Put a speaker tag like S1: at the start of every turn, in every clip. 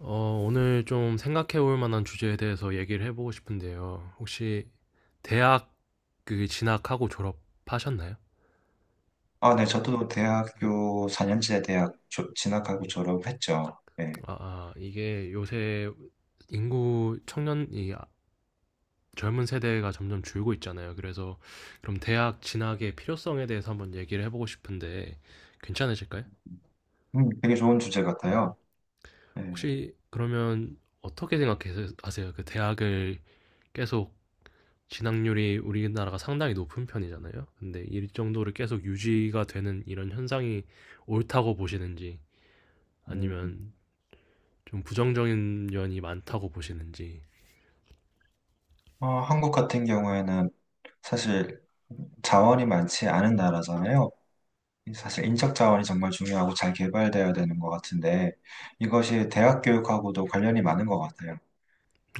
S1: 오늘 좀 생각해 볼 만한 주제에 대해서 얘기를 해보고 싶은데요. 혹시 대학 그 진학하고 졸업하셨나요?
S2: 아, 네, 저도 대학교 4년제 대학 진학하고
S1: 음,
S2: 졸업했죠. 네.
S1: 이게 요새 인구 청년, 젊은 세대가 점점 줄고 있잖아요. 그래서 그럼 대학 진학의 필요성에 대해서 한번 얘기를 해보고 싶은데 괜찮으실까요?
S2: 되게 좋은 주제
S1: 네.
S2: 같아요. 네.
S1: 혹시 그러면 어떻게 생각하세요? 그 대학을 계속 진학률이 우리나라가 상당히 높은 편이잖아요. 근데 이 정도를 계속 유지가 되는 이런 현상이 옳다고 보시는지
S2: 음,
S1: 아니면 좀 부정적인 면이 많다고 보시는지.
S2: 한국 같은 경우에는 사실 자원이 많지 않은 나라잖아요. 사실 인적 자원이 정말 중요하고 잘 개발되어야 되는 것 같은데 이것이 대학 교육하고도 관련이 많은 것 같아요.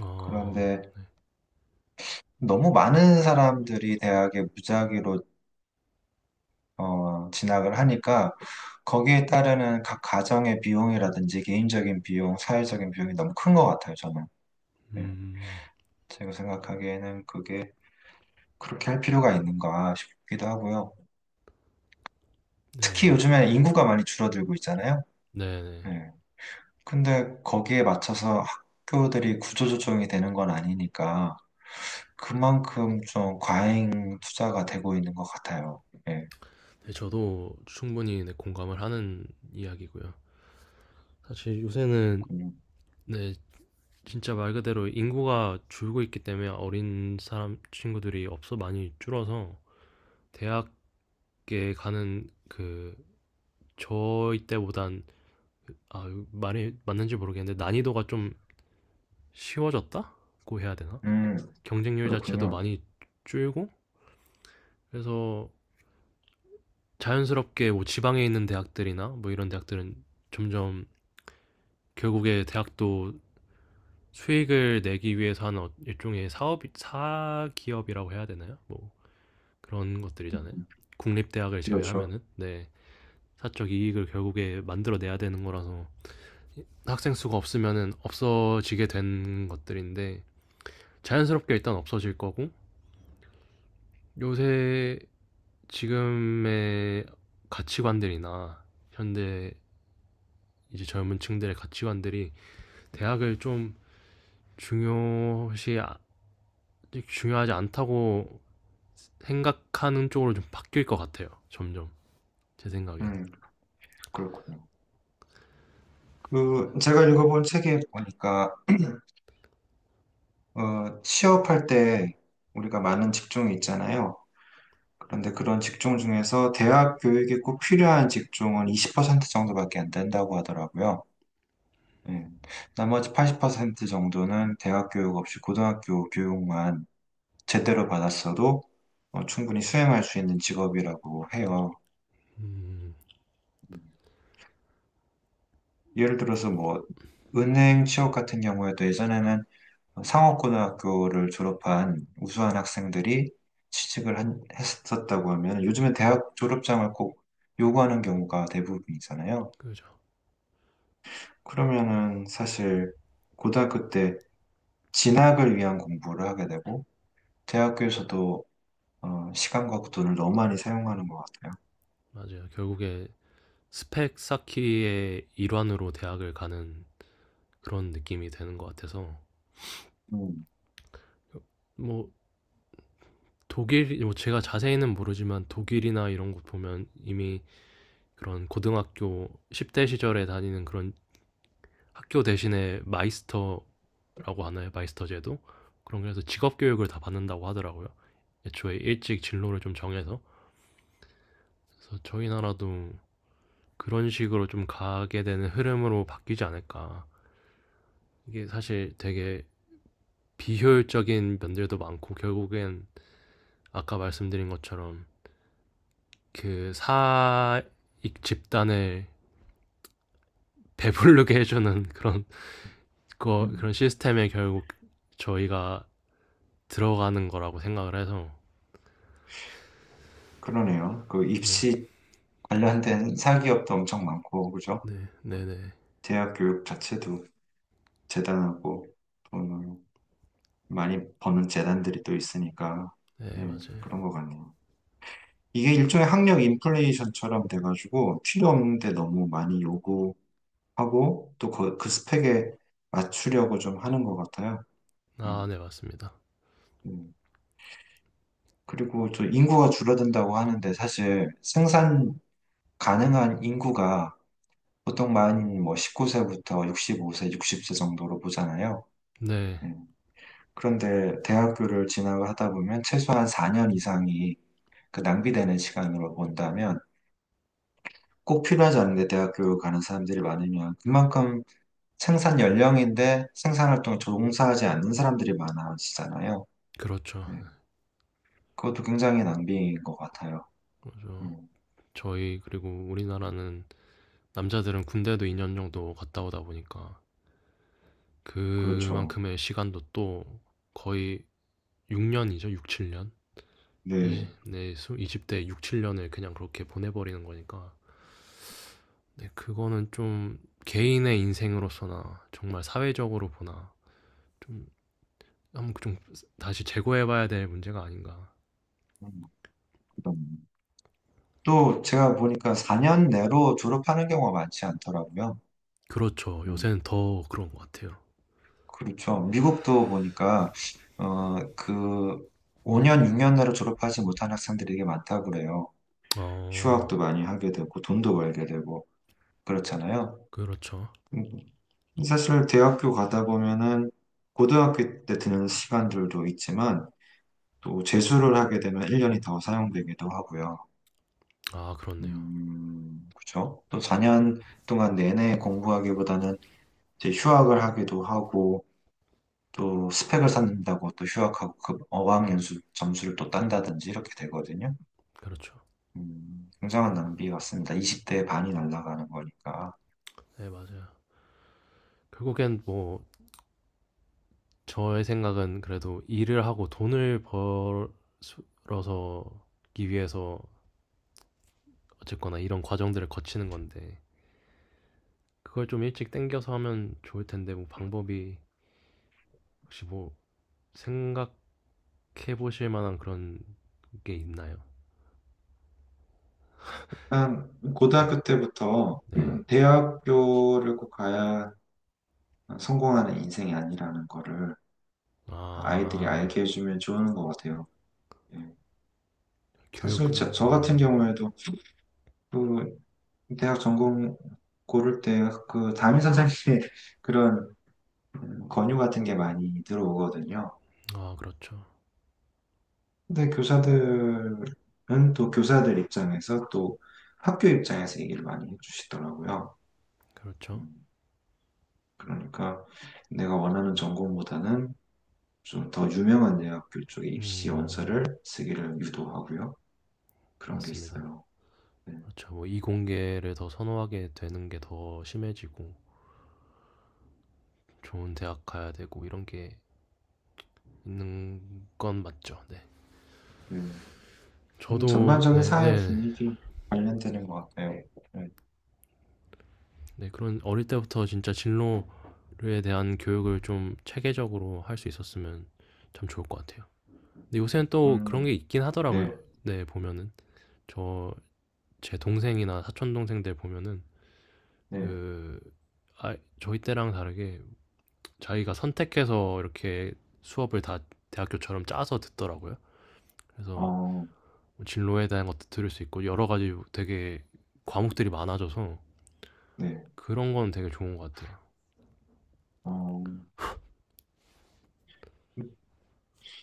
S1: 어,
S2: 그런데 너무 많은 사람들이 대학에 무작위로 진학을 하니까 거기에 따르는 각 가정의 비용이라든지 개인적인 비용, 사회적인 비용이 너무 큰 것 같아요, 저는. 예.
S1: 음,
S2: 제가 생각하기에는 그게 그렇게 할 필요가 있는가 싶기도 하고요. 특히 요즘에 인구가 많이 줄어들고 있잖아요.
S1: 네네.
S2: 예. 근데 거기에 맞춰서 학교들이 구조조정이 되는 건 아니니까 그만큼 좀 과잉 투자가 되고 있는 것 같아요. 예,
S1: 네, 저도 충분히, 네, 공감을 하는 이야기고요. 사실 요새는,
S2: 그렇군요.
S1: 네, 진짜 말 그대로 인구가 줄고 있기 때문에 어린 사람 친구들이 없어 많이 줄어서 대학에 가는 그 저희 때보단, 아, 말이 맞는지 모르겠는데 난이도가 좀 쉬워졌다고 해야 되나?
S2: 음,
S1: 경쟁률 자체도
S2: 그렇군요.
S1: 많이 줄고, 그래서 자연스럽게 뭐 지방에 있는 대학들이나 뭐 이런 대학들은 점점 결국에 대학도 수익을 내기 위해서 하는 일종의 사업 사기업이라고 해야 되나요? 뭐 그런 것들이잖아요. 국립대학을
S2: 그렇죠.
S1: 제외하면은, 네, 사적 이익을 결국에 만들어내야 되는 거라서 학생 수가 없으면은 없어지게 된 것들인데 자연스럽게 일단 없어질 거고, 요새 지금의 가치관들이나 현대, 이제 젊은 층들의 가치관들이 대학을 좀 중요시 아- 중요하지 않다고 생각하는 쪽으로 좀 바뀔 것 같아요. 점점 제 생각엔.
S2: 음, 그렇군요. 그 제가 읽어본 책에 보니까 취업할 때 우리가 많은 직종이 있잖아요. 그런데 그런 직종 중에서 대학 교육이 꼭 필요한 직종은 20% 정도밖에 안 된다고 하더라고요. 예. 나머지 80% 정도는 대학 교육 없이 고등학교 교육만 제대로 받았어도 충분히 수행할 수 있는 직업이라고 해요. 예를 들어서 뭐 은행 취업 같은 경우에도 예전에는 상업고등학교를 졸업한 우수한 학생들이 취직을 했었다고 하면 요즘은 대학 졸업장을 꼭 요구하는 경우가 대부분이잖아요.
S1: 그죠.
S2: 그러면은 사실 고등학교 때 진학을 위한 공부를 하게 되고 대학교에서도 시간과 그 돈을 너무 많이 사용하는 것 같아요.
S1: 맞아요. 결국에 스펙 쌓기의 일환으로 대학을 가는 그런 느낌이 되는 것 같아서,
S2: 음,
S1: 뭐 독일, 뭐 제가 자세히는 모르지만 독일이나 이런 곳 보면 이미 그런 고등학교 10대 시절에 다니는 그런 학교 대신에 마이스터라고 하나요? 마이스터 제도? 그런 그래서 직업 교육을 다 받는다고 하더라고요. 애초에 일찍 진로를 좀 정해서, 그래서 저희 나라도 그런 식으로 좀 가게 되는 흐름으로 바뀌지 않을까. 이게 사실 되게 비효율적인 면들도 많고, 결국엔 아까 말씀드린 것처럼 그 사익 집단을 배부르게 해주는 그런, 그
S2: 음,
S1: 그런 시스템에 결국 저희가 들어가는 거라고 생각을 해서.
S2: 그러네요. 그
S1: 네,
S2: 입시 관련된 사기업도 엄청 많고 그죠?
S1: 네, 네. 네,
S2: 대학 교육 자체도 재단하고 돈을 많이 버는 재단들이 또 있으니까
S1: 네
S2: 예,
S1: 맞아요.
S2: 그런 것 같네요. 이게 일종의 학력 인플레이션처럼 돼가지고 필요 없는데 너무 많이 요구하고 또 그 스펙에 맞추려고 좀 하는 것 같아요. 음,
S1: 아, 네 맞습니다.
S2: 음. 그리고 저 인구가 줄어든다고 하는데 사실 생산 가능한 인구가 보통 많이 뭐 19세부터 65세, 60세 정도로 보잖아요.
S1: 네,
S2: 음. 그런데 대학교를 진학을 하다 보면 최소한 4년 이상이 그 낭비되는 시간으로 본다면 꼭 필요하지 않은데 대학 교육 가는 사람들이 많으면 그만큼 생산 연령인데 생산 활동에 종사하지 않는 사람들이 많아지잖아요.
S1: 그렇죠.
S2: 네.
S1: 네,
S2: 그것도 굉장히 낭비인 것 같아요.
S1: 그렇죠.
S2: 음,
S1: 저희, 그리고 우리나라는 남자들은 군대도 2년 정도 갔다 오다 보니까
S2: 그렇죠.
S1: 그만큼의 시간도 또 거의 6년이죠, 6, 7년.
S2: 네.
S1: 네, 20대 6, 7년을 그냥 그렇게 보내버리는 거니까. 네, 그거는 좀 개인의 인생으로서나 정말 사회적으로 보나 좀 한번 좀 다시 재고해봐야 될 문제가 아닌가.
S2: 음, 그럼. 또 제가 보니까 4년 내로 졸업하는 경우가 많지 않더라고요.
S1: 그렇죠.
S2: 음,
S1: 요새는 더 그런 것 같아요.
S2: 그렇죠. 미국도 보니까 그 5년, 6년 내로 졸업하지 못한 학생들이 되게 많다고 그래요.
S1: 어,
S2: 휴학도 많이 하게 되고 돈도 벌게 되고 그렇잖아요.
S1: 그렇죠.
S2: 음, 사실 대학교 가다 보면은 고등학교 때 드는 시간들도 있지만 또 재수를 하게 되면 1년이 더 사용되기도 하고요.
S1: 아, 그렇네요.
S2: 그렇죠. 또 4년 동안 내내 공부하기보다는 이제 휴학을 하기도 하고 또 스펙을 쌓는다고 또 휴학하고 그 어학연수 점수를 또 딴다든지 이렇게 되거든요.
S1: 그렇죠.
S2: 굉장한 낭비 같습니다. 20대의 반이 날아가는 거니까.
S1: 네, 맞아요. 결국엔 뭐 저의 생각은 그래도 일을 하고 돈을 벌어서기 위해서 어쨌거나 이런 과정들을 거치는 건데, 그걸 좀 일찍 땡겨서 하면 좋을 텐데, 뭐 방법이 혹시 뭐 생각해 보실 만한 그런 게 있나요?
S2: 일단 고등학교 때부터
S1: 네.
S2: 대학교를 꼭 가야 성공하는 인생이 아니라는 거를 아이들이
S1: 아.
S2: 알게 해주면 좋은 것 같아요. 예. 사실
S1: 교육을.
S2: 저 같은
S1: 음.
S2: 경우에도 그 대학 전공 고를 때 그 담임 선생님의 그런 권유 같은 게 많이 들어오거든요.
S1: 아 그렇죠.
S2: 근데 교사들은 또 교사들 입장에서 또 학교 입장에서 얘기를 많이 해주시더라고요.
S1: 그렇죠.
S2: 음, 그러니까 내가 원하는 전공보다는 좀 더 유명한 대학교 쪽에 입시
S1: 음.
S2: 원서를 쓰기를 유도하고요. 그런 게
S1: 맞습니다.
S2: 있어요. 네.
S1: 그렇죠. 뭐 이공계를 더 선호하게 되는 게 더 심해지고 좋은 대학 가야 되고 이런 게 있는 건 맞죠. 네.
S2: 음,
S1: 저도.
S2: 전반적인
S1: 네네,
S2: 사회
S1: 네, 네.
S2: 분위기 관련되는 것 같아요. 네.
S1: 네, 그런 어릴 때부터 진짜 진로에 대한 교육을 좀 체계적으로 할 수 있었으면 참 좋을 것 같아요. 근데 요새는 또 그런
S2: 음,
S1: 게 있긴 하더라고요.
S2: 네,
S1: 네, 보면은 저 제 동생이나 사촌 동생들 보면은
S2: 네,
S1: 그, 저희 때랑 다르게 자기가 선택해서 이렇게 수업을 다 대학교처럼 짜서 듣더라고요. 그래서
S2: 어,
S1: 뭐 진로에 대한 것도 들을 수 있고 여러 가지 되게 과목들이 많아져서
S2: 네,
S1: 그런 건 되게 좋은 것 같아요.
S2: 어,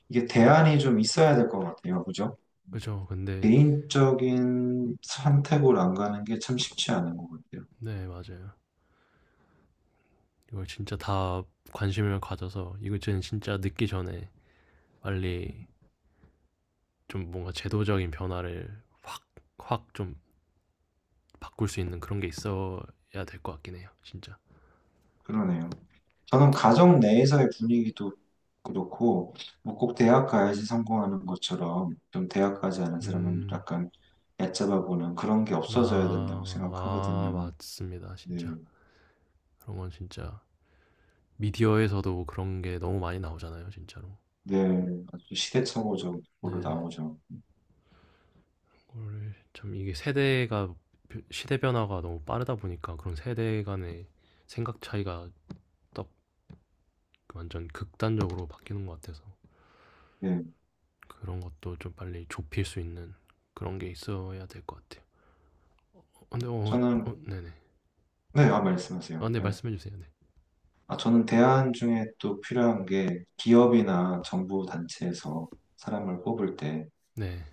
S2: 이게 대안이 좀 있어야 될 것 같아요. 그죠?
S1: 그죠? 근데.
S2: 개인적인 선택으로 안 가는 게 참 쉽지 않은 것 같아요.
S1: 네, 맞아요. 이걸 진짜 다 관심을 가져서, 이거는 진짜 늦기 전에 빨리 좀 뭔가 제도적인 변화를 확, 확 좀 바꿀 수 있는 그런 게 있어야 될 것 같긴 해요. 진짜.
S2: 그러네요. 저는 가정 내에서의 분위기도 그렇고, 뭐 꼭 대학 가야지 성공하는 것처럼, 좀 대학 가지 않은 사람은
S1: 음,
S2: 약간 얕잡아 보는 그런 게 없어져야 된다고
S1: 아,
S2: 생각하거든요.
S1: 맞습니다. 진짜.
S2: 네,
S1: 그런 건 진짜 미디어에서도 그런 게 너무 많이 나오잖아요, 진짜로.
S2: 네, 아주 시대착오적으로
S1: 네.
S2: 나오죠.
S1: 그걸 참, 이게 세대가, 시대 변화가 너무 빠르다 보니까 그런 세대 간의 생각 차이가 딱 완전 극단적으로 바뀌는 것 같아서
S2: 네,
S1: 그런 것도 좀 빨리 좁힐 수 있는 그런 게 있어야 될 것 같아요. 근데,
S2: 저는,
S1: 네네.
S2: 네, 아, 말씀하세요.
S1: 아, 네,
S2: 네.
S1: 말씀해 주세요. 네.
S2: 아, 저는 대안 중에 또 필요한 게 기업이나 정부 단체에서 사람을 뽑을 때
S1: 네.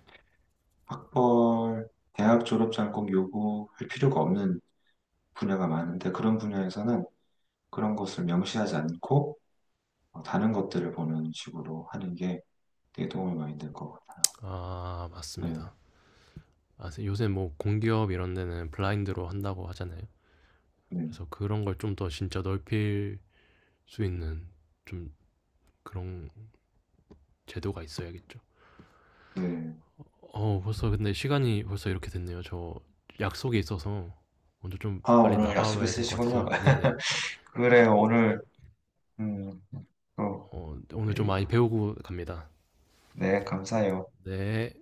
S2: 학벌, 대학 졸업장 꼭 요구할 필요가 없는 분야가 많은데 그런 분야에서는 그런 것을 명시하지 않고 다른 것들을 보는 식으로 하는 게 되게 도움이 많이 될 것 같아요.
S1: 아,
S2: 네,
S1: 맞습니다. 아, 요새 뭐 공기업 이런 데는 블라인드로 한다고 하잖아요.
S2: 네,
S1: 그래서 그런 걸 좀 더 진짜 넓힐 수 있는 좀 그런 제도가 있어야겠죠.
S2: 네.
S1: 벌써 근데 시간이 벌써 이렇게 됐네요. 저 약속이 있어서 먼저 좀
S2: 아,
S1: 빨리
S2: 오늘 약속
S1: 나가봐야 될 것
S2: 있으시군요.
S1: 같아서. 네네.
S2: 그래요, 오늘, 음, 또,
S1: 오늘 좀
S2: 얘기-
S1: 많이 배우고 갑니다.
S2: 네, 감사해요.
S1: 네.